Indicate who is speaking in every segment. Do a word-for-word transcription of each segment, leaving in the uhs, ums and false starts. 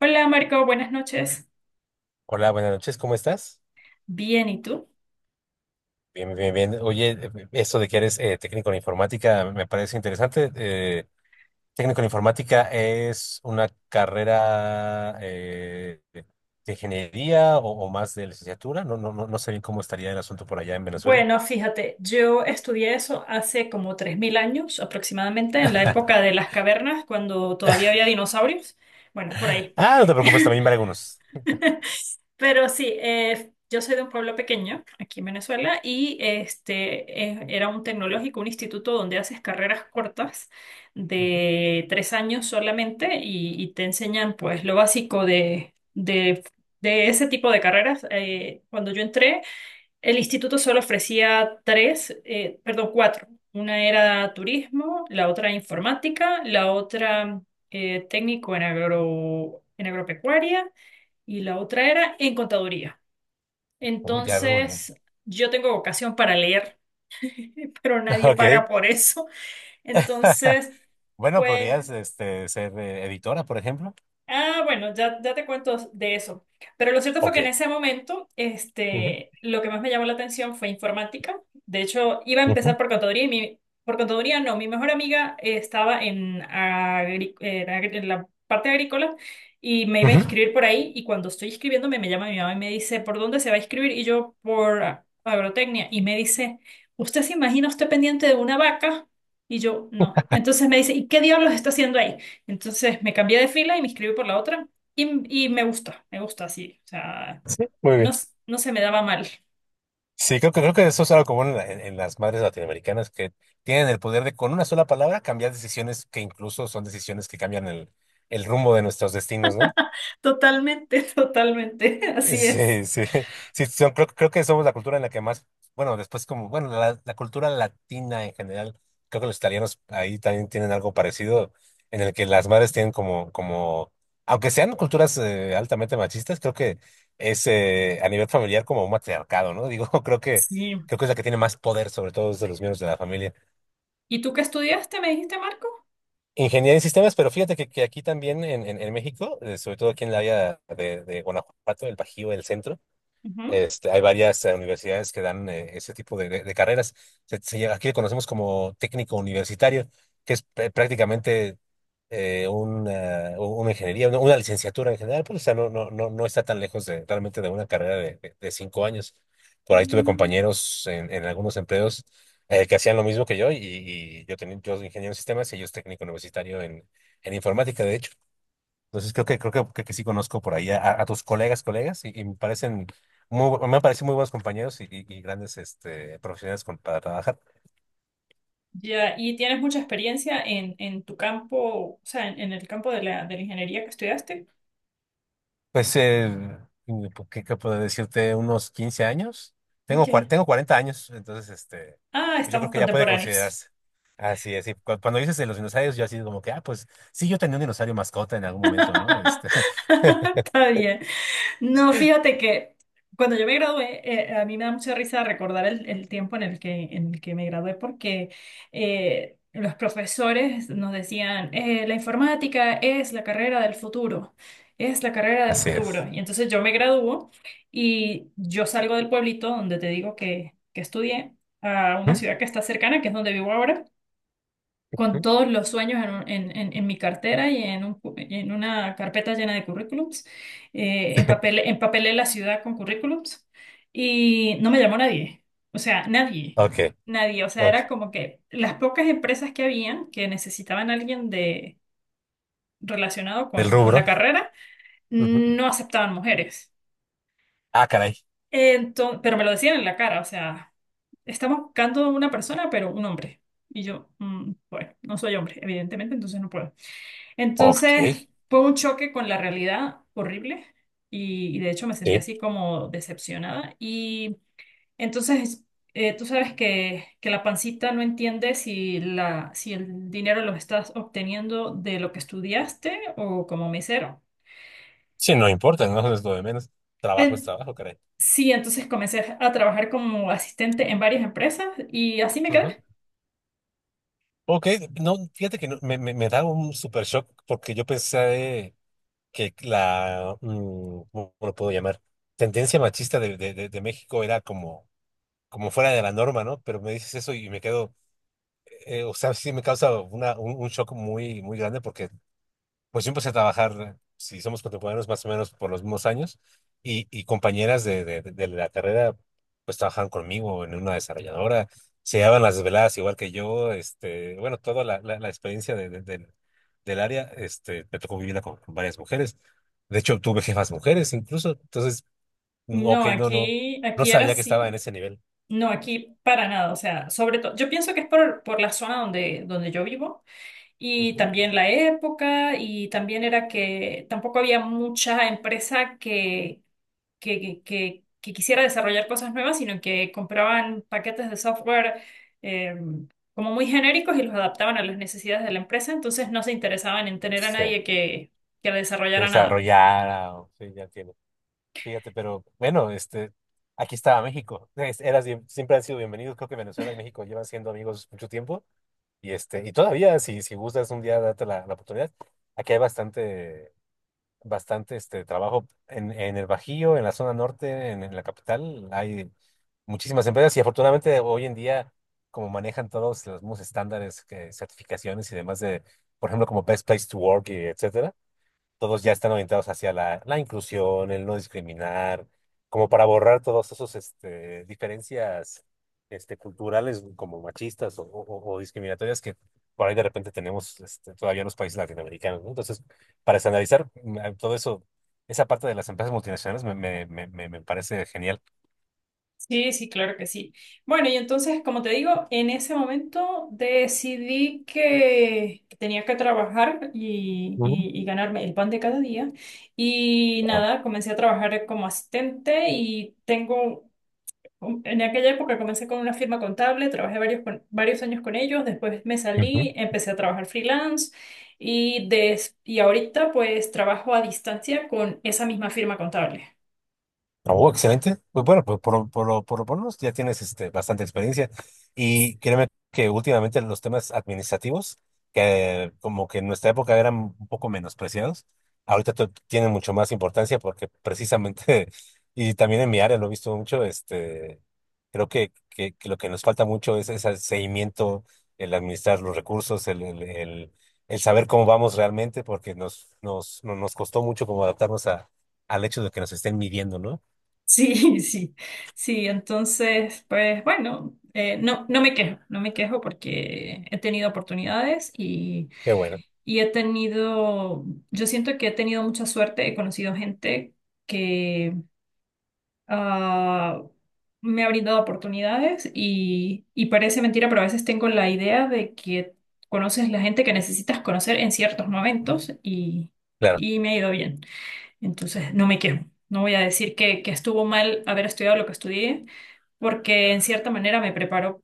Speaker 1: Hola Marco, buenas noches.
Speaker 2: Hola, buenas noches, ¿cómo estás?
Speaker 1: Bien, ¿y tú?
Speaker 2: Bien, bien, bien. Oye, eh, esto de que eres eh, técnico en informática me parece interesante. Eh, técnico en informática es una carrera eh, de de ingeniería o, o más de licenciatura. No, no, no, no sé bien cómo estaría el asunto por allá en Venezuela.
Speaker 1: Bueno, fíjate, yo estudié eso hace como tres mil años aproximadamente, en la época de las cavernas, cuando todavía había dinosaurios. Bueno, por ahí.
Speaker 2: Ah, no te preocupes, también para algunos.
Speaker 1: Pero sí, eh, yo soy de un pueblo pequeño, aquí en Venezuela, y este, eh, era un tecnológico, un instituto donde haces carreras cortas
Speaker 2: Ujú.
Speaker 1: de tres años solamente y, y te enseñan pues lo básico de, de, de ese tipo de carreras. Eh, cuando yo entré, el instituto solo ofrecía tres, eh, perdón, cuatro. Una era turismo, la otra informática, la otra eh, técnico en agro, en agropecuaria y la otra era en contaduría.
Speaker 2: Oh, ya veo muy bien.
Speaker 1: Entonces, yo tengo vocación para leer, pero nadie
Speaker 2: Ok.
Speaker 1: paga por eso. Entonces,
Speaker 2: Bueno,
Speaker 1: pues
Speaker 2: podrías este, ser eh, editora, por ejemplo.
Speaker 1: Ah, bueno, ya, ya te cuento de eso. Pero lo cierto fue
Speaker 2: Ok.
Speaker 1: que en ese momento,
Speaker 2: Ujú,
Speaker 1: este, lo que más me llamó la atención fue informática. De hecho, iba a
Speaker 2: ujú,
Speaker 1: empezar por contaduría y mi, por contaduría no, mi mejor amiga eh, estaba en, agri- en agri- en la parte agrícola y me iba a
Speaker 2: ujú.
Speaker 1: inscribir por ahí y cuando estoy inscribiéndome me llama mi mamá y me dice, ¿por dónde se va a inscribir? Y yo, por a- agrotecnia. Y me dice, ¿usted se imagina usted pendiente de una vaca? Y yo, no. Entonces me dice, ¿y qué diablos está haciendo ahí? Entonces me cambié de fila y me inscribí por la otra y, y me gusta, me gusta así, o sea,
Speaker 2: Sí, muy
Speaker 1: no,
Speaker 2: bien.
Speaker 1: s- no se me daba mal.
Speaker 2: Sí, creo que, creo que eso es algo común en, la- en- en las madres latinoamericanas que tienen el poder de con una sola palabra cambiar decisiones que incluso son decisiones que cambian el, el rumbo de nuestros destinos, ¿no?
Speaker 1: Totalmente, totalmente, así es.
Speaker 2: Sí, sí, sí, son- creo, creo que somos la cultura en la que más, bueno, después como, bueno, la, la cultura latina en general, creo que los italianos ahí también tienen algo parecido, en el que las madres tienen como, como, aunque sean culturas eh, altamente machistas, creo que es eh, a nivel familiar como un matriarcado, ¿no? Digo, creo que,
Speaker 1: Sí.
Speaker 2: creo que es la que tiene más poder, sobre todo de los miembros de la familia.
Speaker 1: ¿Y tú qué estudiaste, me dijiste, Marco?
Speaker 2: Ingeniería en sistemas, pero fíjate que, que aquí también en, en, en México, eh, sobre todo aquí en el área de, de Guanajuato, el Bajío, el centro.
Speaker 1: Ujú.
Speaker 2: Este, hay varias eh, universidades que dan eh, ese tipo de, de- de carreras. Se- se aquí lo conocemos como técnico universitario, que es pr- prácticamente eh, una, una ingeniería, una, una licenciatura en general, pero o sea, no, no, no, no está tan lejos de, realmente de una carrera de, de- de cinco años. Por ahí tuve
Speaker 1: Mm.
Speaker 2: compañeros en, en algunos empleos eh, que hacían lo mismo que yo, y, y yo tenía yo soy ingeniero en sistemas y yo es técnico universitario en, en informática, de hecho. Entonces creo que creo que, creo que sí conozco por ahí a, a tus colegas, colegas, y, y me parecen muy, bu- me parecen muy buenos compañeros y, y- y grandes este, profesionales con- para trabajar.
Speaker 1: Ya, ¿y tienes mucha experiencia en, en tu campo, o sea, en, en el campo de la, de la ingeniería que estudiaste?
Speaker 2: Pues, eh, mm, ¿qué, qué puedo decirte? Unos quince años. Tengo, cua-
Speaker 1: Ok.
Speaker 2: tengo cuarenta años, entonces este,
Speaker 1: Ah,
Speaker 2: pues yo creo
Speaker 1: estamos
Speaker 2: que ya puede
Speaker 1: contemporáneos.
Speaker 2: considerarse. Así es, y cu- cuando dices de los dinosaurios, yo así como que, ah, pues sí, yo tenía un dinosaurio mascota en algún momento, ¿no? Este,
Speaker 1: Está bien. No, fíjate que cuando yo me gradué, eh, a mí me da mucha risa recordar el, el tiempo en el que, en el que me gradué porque eh, los profesores nos decían, eh, la informática es la carrera del futuro, es la carrera del
Speaker 2: así es.
Speaker 1: futuro. Y entonces yo me gradúo y yo salgo del pueblito donde te digo que, que estudié a una
Speaker 2: ¿Mm?
Speaker 1: ciudad que está cercana, que es donde vivo ahora con
Speaker 2: ¿Mm?
Speaker 1: todos los sueños en, un- en- en- en mi cartera y en, un cu- y en una carpeta llena de currículums. Eh, empapelé, empapelé la ciudad con currículums y no me llamó nadie. O sea, nadie.
Speaker 2: Ok,
Speaker 1: Nadie. O sea, era
Speaker 2: ok.
Speaker 1: como que las pocas empresas que habían que necesitaban a alguien de, relacionado
Speaker 2: Del
Speaker 1: con, con la
Speaker 2: rubro.
Speaker 1: carrera
Speaker 2: Ujú.
Speaker 1: no aceptaban mujeres.
Speaker 2: Ah, caray.
Speaker 1: Entonces, pero me lo decían en la cara. O sea, estamos buscando una persona, pero un hombre. Y yo, mm, bueno, no soy hombre, evidentemente, entonces no puedo.
Speaker 2: Ok.
Speaker 1: Entonces fue un choque con la realidad horrible y, y de hecho me sentí
Speaker 2: Sí.
Speaker 1: así como decepcionada. Y entonces eh, tú sabes que, que la pancita no entiende si, la, si el dinero lo estás obteniendo de lo que estudiaste o como mesero.
Speaker 2: Sí, no importa, no es lo de menos. Trabajo es
Speaker 1: En-
Speaker 2: trabajo, caray.
Speaker 1: sí, entonces comencé a trabajar como asistente en varias empresas y así me
Speaker 2: Ajá.
Speaker 1: quedé.
Speaker 2: Ok, no, fíjate que no, me, me, me da un super shock porque yo pensé que la, mm, ¿cómo lo puedo llamar? Tendencia machista de, de, de, de México era como, como fuera de la norma, ¿no? Pero me dices eso y me quedo, eh, o sea, sí me causa una, un, un shock muy, muy grande porque pues yo empecé a trabajar, si somos contemporáneos, más o menos por los mismos años, y, y compañeras de, de, de la carrera, pues trabajaban conmigo en una desarrolladora, se llevaban las desveladas igual que yo, este, bueno, toda la, la, la experiencia de, de- del del área, este, me tocó vivirla con, con varias mujeres. De hecho, tuve jefas mujeres incluso, entonces, mm, ok,
Speaker 1: No,
Speaker 2: no, no,
Speaker 1: aquí,
Speaker 2: no
Speaker 1: aquí era
Speaker 2: sabía que estaba en
Speaker 1: así.
Speaker 2: ese nivel.
Speaker 1: No, aquí para nada. O sea, sobre todo, yo pienso que es por, por la zona donde, donde yo vivo. Y
Speaker 2: Ujú.
Speaker 1: también la época, y también era que tampoco había mucha empresa que, que, que, que- quisiera desarrollar cosas nuevas, sino que compraban paquetes de software eh, como muy genéricos y los adaptaban a las necesidades de la empresa, entonces no se interesaban en tener a
Speaker 2: Sí,
Speaker 1: nadie que, que desarrollara nada.
Speaker 2: desarrollada, o- sí, ya. Fíjate, pero bueno, este, aquí estaba México. Es- Era, sie- siempre han sido bienvenidos. Creo que Venezuela y México llevan siendo amigos mucho tiempo. Y este, y todavía, si, si gustas un día date la, la oportunidad. Aquí hay bastante, bastante este trabajo en, en el Bajío, en la zona norte, en, en la capital. Hay muchísimas empresas y afortunadamente hoy en día, como manejan todos los mismos estándares, que, certificaciones y demás de, por ejemplo, como Best Place to Work y etcétera, todos ya están orientados hacia la, la inclusión, el no discriminar, como para borrar todos esos este, diferencias este, culturales como machistas o, o- o discriminatorias que por ahí de repente tenemos este, todavía en los países latinoamericanos, ¿no? Entonces, para estandarizar mm, a- todo eso, esa parte de las empresas multinacionales me, me, me, me me parece genial.
Speaker 1: Sí, sí, claro que sí. Bueno, y entonces, como te digo, en ese momento decidí que que tenía que trabajar y,
Speaker 2: Ujú.
Speaker 1: y- y ganarme el pan de cada día. Y
Speaker 2: Wow.
Speaker 1: nada, comencé a trabajar como asistente y tengo, um, en aquella época comencé con una firma contable, trabajé varios, con- varios años con ellos, después me salí, empecé a trabajar freelance y, des- y ahorita pues trabajo a distancia con esa misma firma contable.
Speaker 2: Oh, excelente. Pues bueno, pues por, lo- por, lo- por, lo menos ya tienes este, bastante experiencia. Y créeme que últimamente los temas administrativos, que como que en nuestra época eran un poco menospreciados, ahorita to- tienen mucho más importancia porque precisamente, y también en mi área lo he visto mucho, este, creo que, que, que lo que nos falta mucho es ese seguimiento, el administrar los recursos, el, el, el, el saber cómo vamos realmente, porque nos, nos, no- nos costó mucho como adaptarnos a, al hecho de que nos estén midiendo, ¿no?
Speaker 1: Sí, sí, sí, entonces, pues bueno, eh, no, no me quejo, no me quejo porque he tenido oportunidades y,
Speaker 2: Qué bueno,
Speaker 1: y he tenido, yo siento que he tenido mucha suerte, he conocido gente que ah, me ha brindado oportunidades y, y parece mentira, pero a veces tengo la idea de que conoces la gente que necesitas conocer en ciertos momentos y,
Speaker 2: claro.
Speaker 1: y me ha ido bien. Entonces, no me quejo. No voy a decir que, que estuvo mal haber estudiado lo que estudié, porque en cierta manera me preparó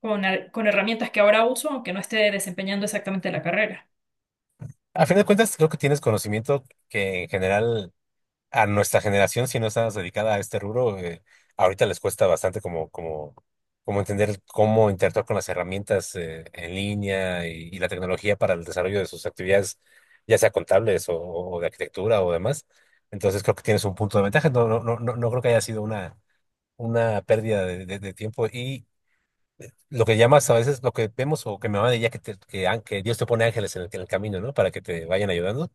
Speaker 1: con, her- con herramientas que ahora uso, aunque no esté desempeñando exactamente la carrera.
Speaker 2: A fin de cuentas, creo que tienes conocimiento que en general a nuestra generación, si no estás dedicada a este rubro, eh, ahorita les cuesta bastante como, como, como entender cómo interactuar con las herramientas eh, en línea y, y la tecnología para el desarrollo de sus actividades, ya sea contables o, o de arquitectura o demás. Entonces creo que tienes un punto de ventaja. No, no, no, no no creo que haya sido una, una pérdida de, de- de tiempo. Y, lo que llamas a veces, lo que vemos o que mi mamá diría que, te- que, an- que Dios te pone ángeles en el, en el camino, ¿no? Para que te vayan ayudando.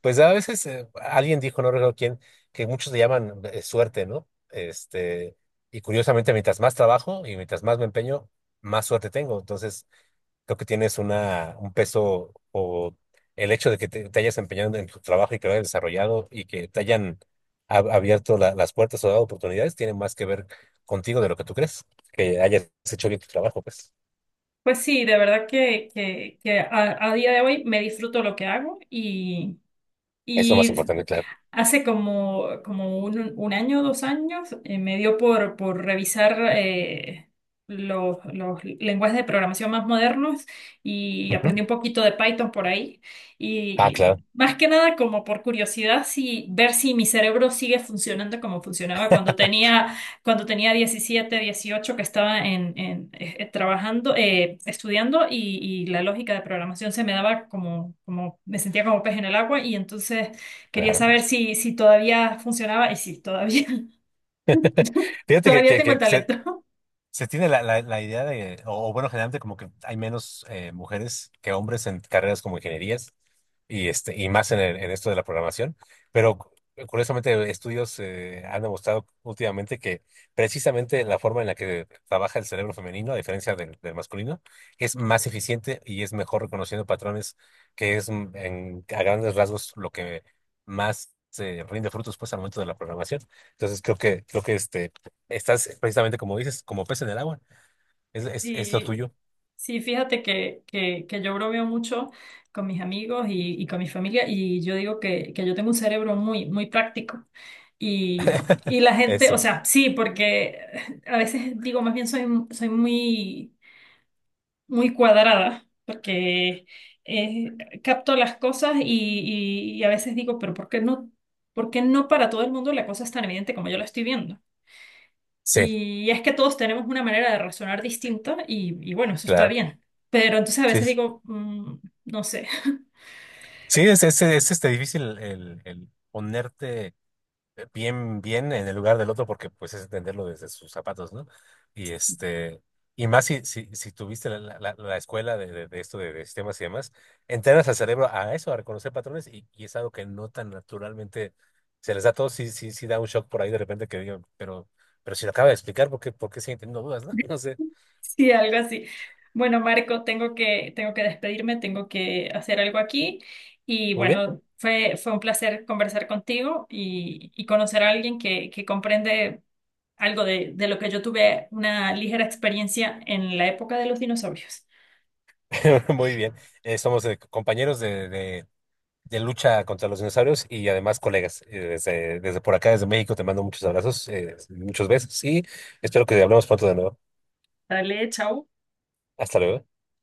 Speaker 2: Pues a veces eh, alguien dijo, no recuerdo quién, que muchos le llaman eh, suerte, ¿no? Este, y curiosamente, mientras más trabajo y mientras más me empeño, más suerte tengo. Entonces, creo que tienes una, un peso o el hecho de que te, te hayas empeñado en tu trabajo y que lo hayas desarrollado y que te hayan ab- abierto la- las puertas o dado oportunidades, tiene más que ver contigo de lo que tú crees, que hayas hecho bien tu trabajo, pues.
Speaker 1: Pues sí, de verdad que, que, que a, a día de hoy me disfruto lo que hago y,
Speaker 2: Es lo más
Speaker 1: y
Speaker 2: importante, claro.
Speaker 1: hace como, como un, un año, dos años, eh, me dio por, por revisar eh, los, los lenguajes de programación más modernos y aprendí
Speaker 2: Ujú.
Speaker 1: un poquito de Python por ahí.
Speaker 2: Ah, claro,
Speaker 1: Y más que nada como por curiosidad, si, ver si mi cerebro sigue funcionando como funcionaba cuando tenía, cuando tenía diecisiete, dieciocho que estaba en, en, eh, eh, trabajando, eh, estudiando y, y la lógica de programación se me daba como, como, me sentía como pez en el agua y entonces... Quería
Speaker 2: claro.
Speaker 1: saber si, si todavía funcionaba y si todavía,
Speaker 2: Fíjate que,
Speaker 1: todavía
Speaker 2: que,
Speaker 1: tengo el
Speaker 2: que se-
Speaker 1: talento.
Speaker 2: se tiene la, la, la idea de, o, o bueno, generalmente como que hay menos eh, mujeres que hombres en carreras como ingenierías y, este, y más en, el- en esto de la programación, pero cu- curiosamente estudios eh, han demostrado últimamente que precisamente la forma en la que trabaja el cerebro femenino, a diferencia del, del masculino, es más eficiente y es mejor reconociendo patrones, que es mm, en, a grandes rasgos lo que más... eh, rinde frutos pues al momento de la programación. Entonces creo que creo que este. Estás precisamente como dices, como pez en el agua. Es, es, es lo
Speaker 1: Sí,
Speaker 2: tuyo.
Speaker 1: sí, fíjate que, que, que yo bromeo mucho con mis amigos y, y con mi familia y yo digo que, que yo tengo un cerebro muy, muy práctico. Y, y la gente, o
Speaker 2: Eso.
Speaker 1: sea, sí, porque a veces digo, más bien soy, soy muy muy cuadrada, porque eh, capto las cosas y, y- y a veces digo, pero ¿por qué no, por qué no para todo el mundo la cosa es tan evidente como yo la estoy viendo?
Speaker 2: Sí,
Speaker 1: Y es que todos tenemos una manera de razonar distinta y, y bueno, eso está
Speaker 2: claro.
Speaker 1: bien. Pero entonces a
Speaker 2: Sí,
Speaker 1: veces
Speaker 2: es-
Speaker 1: digo, mm, no sé.
Speaker 2: sí es, es, es, este, difícil el, el ponerte bien, bien en el lugar del otro porque pues es entenderlo desde sus zapatos, ¿no? Y este, y más si, si, si tuviste la, la, la- la escuela de, de, de esto de, de sistemas y demás, entrenas al cerebro a eso, a reconocer patrones y, y es algo que no tan naturalmente se les da a todos. Sí, sí, sí da un shock por ahí de repente que digan, pero, pero si lo acaba de explicar, ¿por qué, por qué siguen teniendo dudas, ¿no? No sé.
Speaker 1: Sí, algo así. Bueno, Marco, tengo que, tengo que despedirme, tengo que hacer algo aquí. Y
Speaker 2: Muy bien,
Speaker 1: bueno, fue, fue un placer conversar contigo y, y conocer a alguien que, que comprende algo de, de lo que yo tuve una ligera experiencia en la época de los dinosaurios.
Speaker 2: muy bien. Eh, somos eh, compañeros de, de- de lucha contra los dinosaurios y además colegas. Eh, desde, desde por acá, desde México, te mando muchos abrazos, eh, muchos besos y espero que hablemos pronto de nuevo.
Speaker 1: Dale, chao.
Speaker 2: Hasta luego.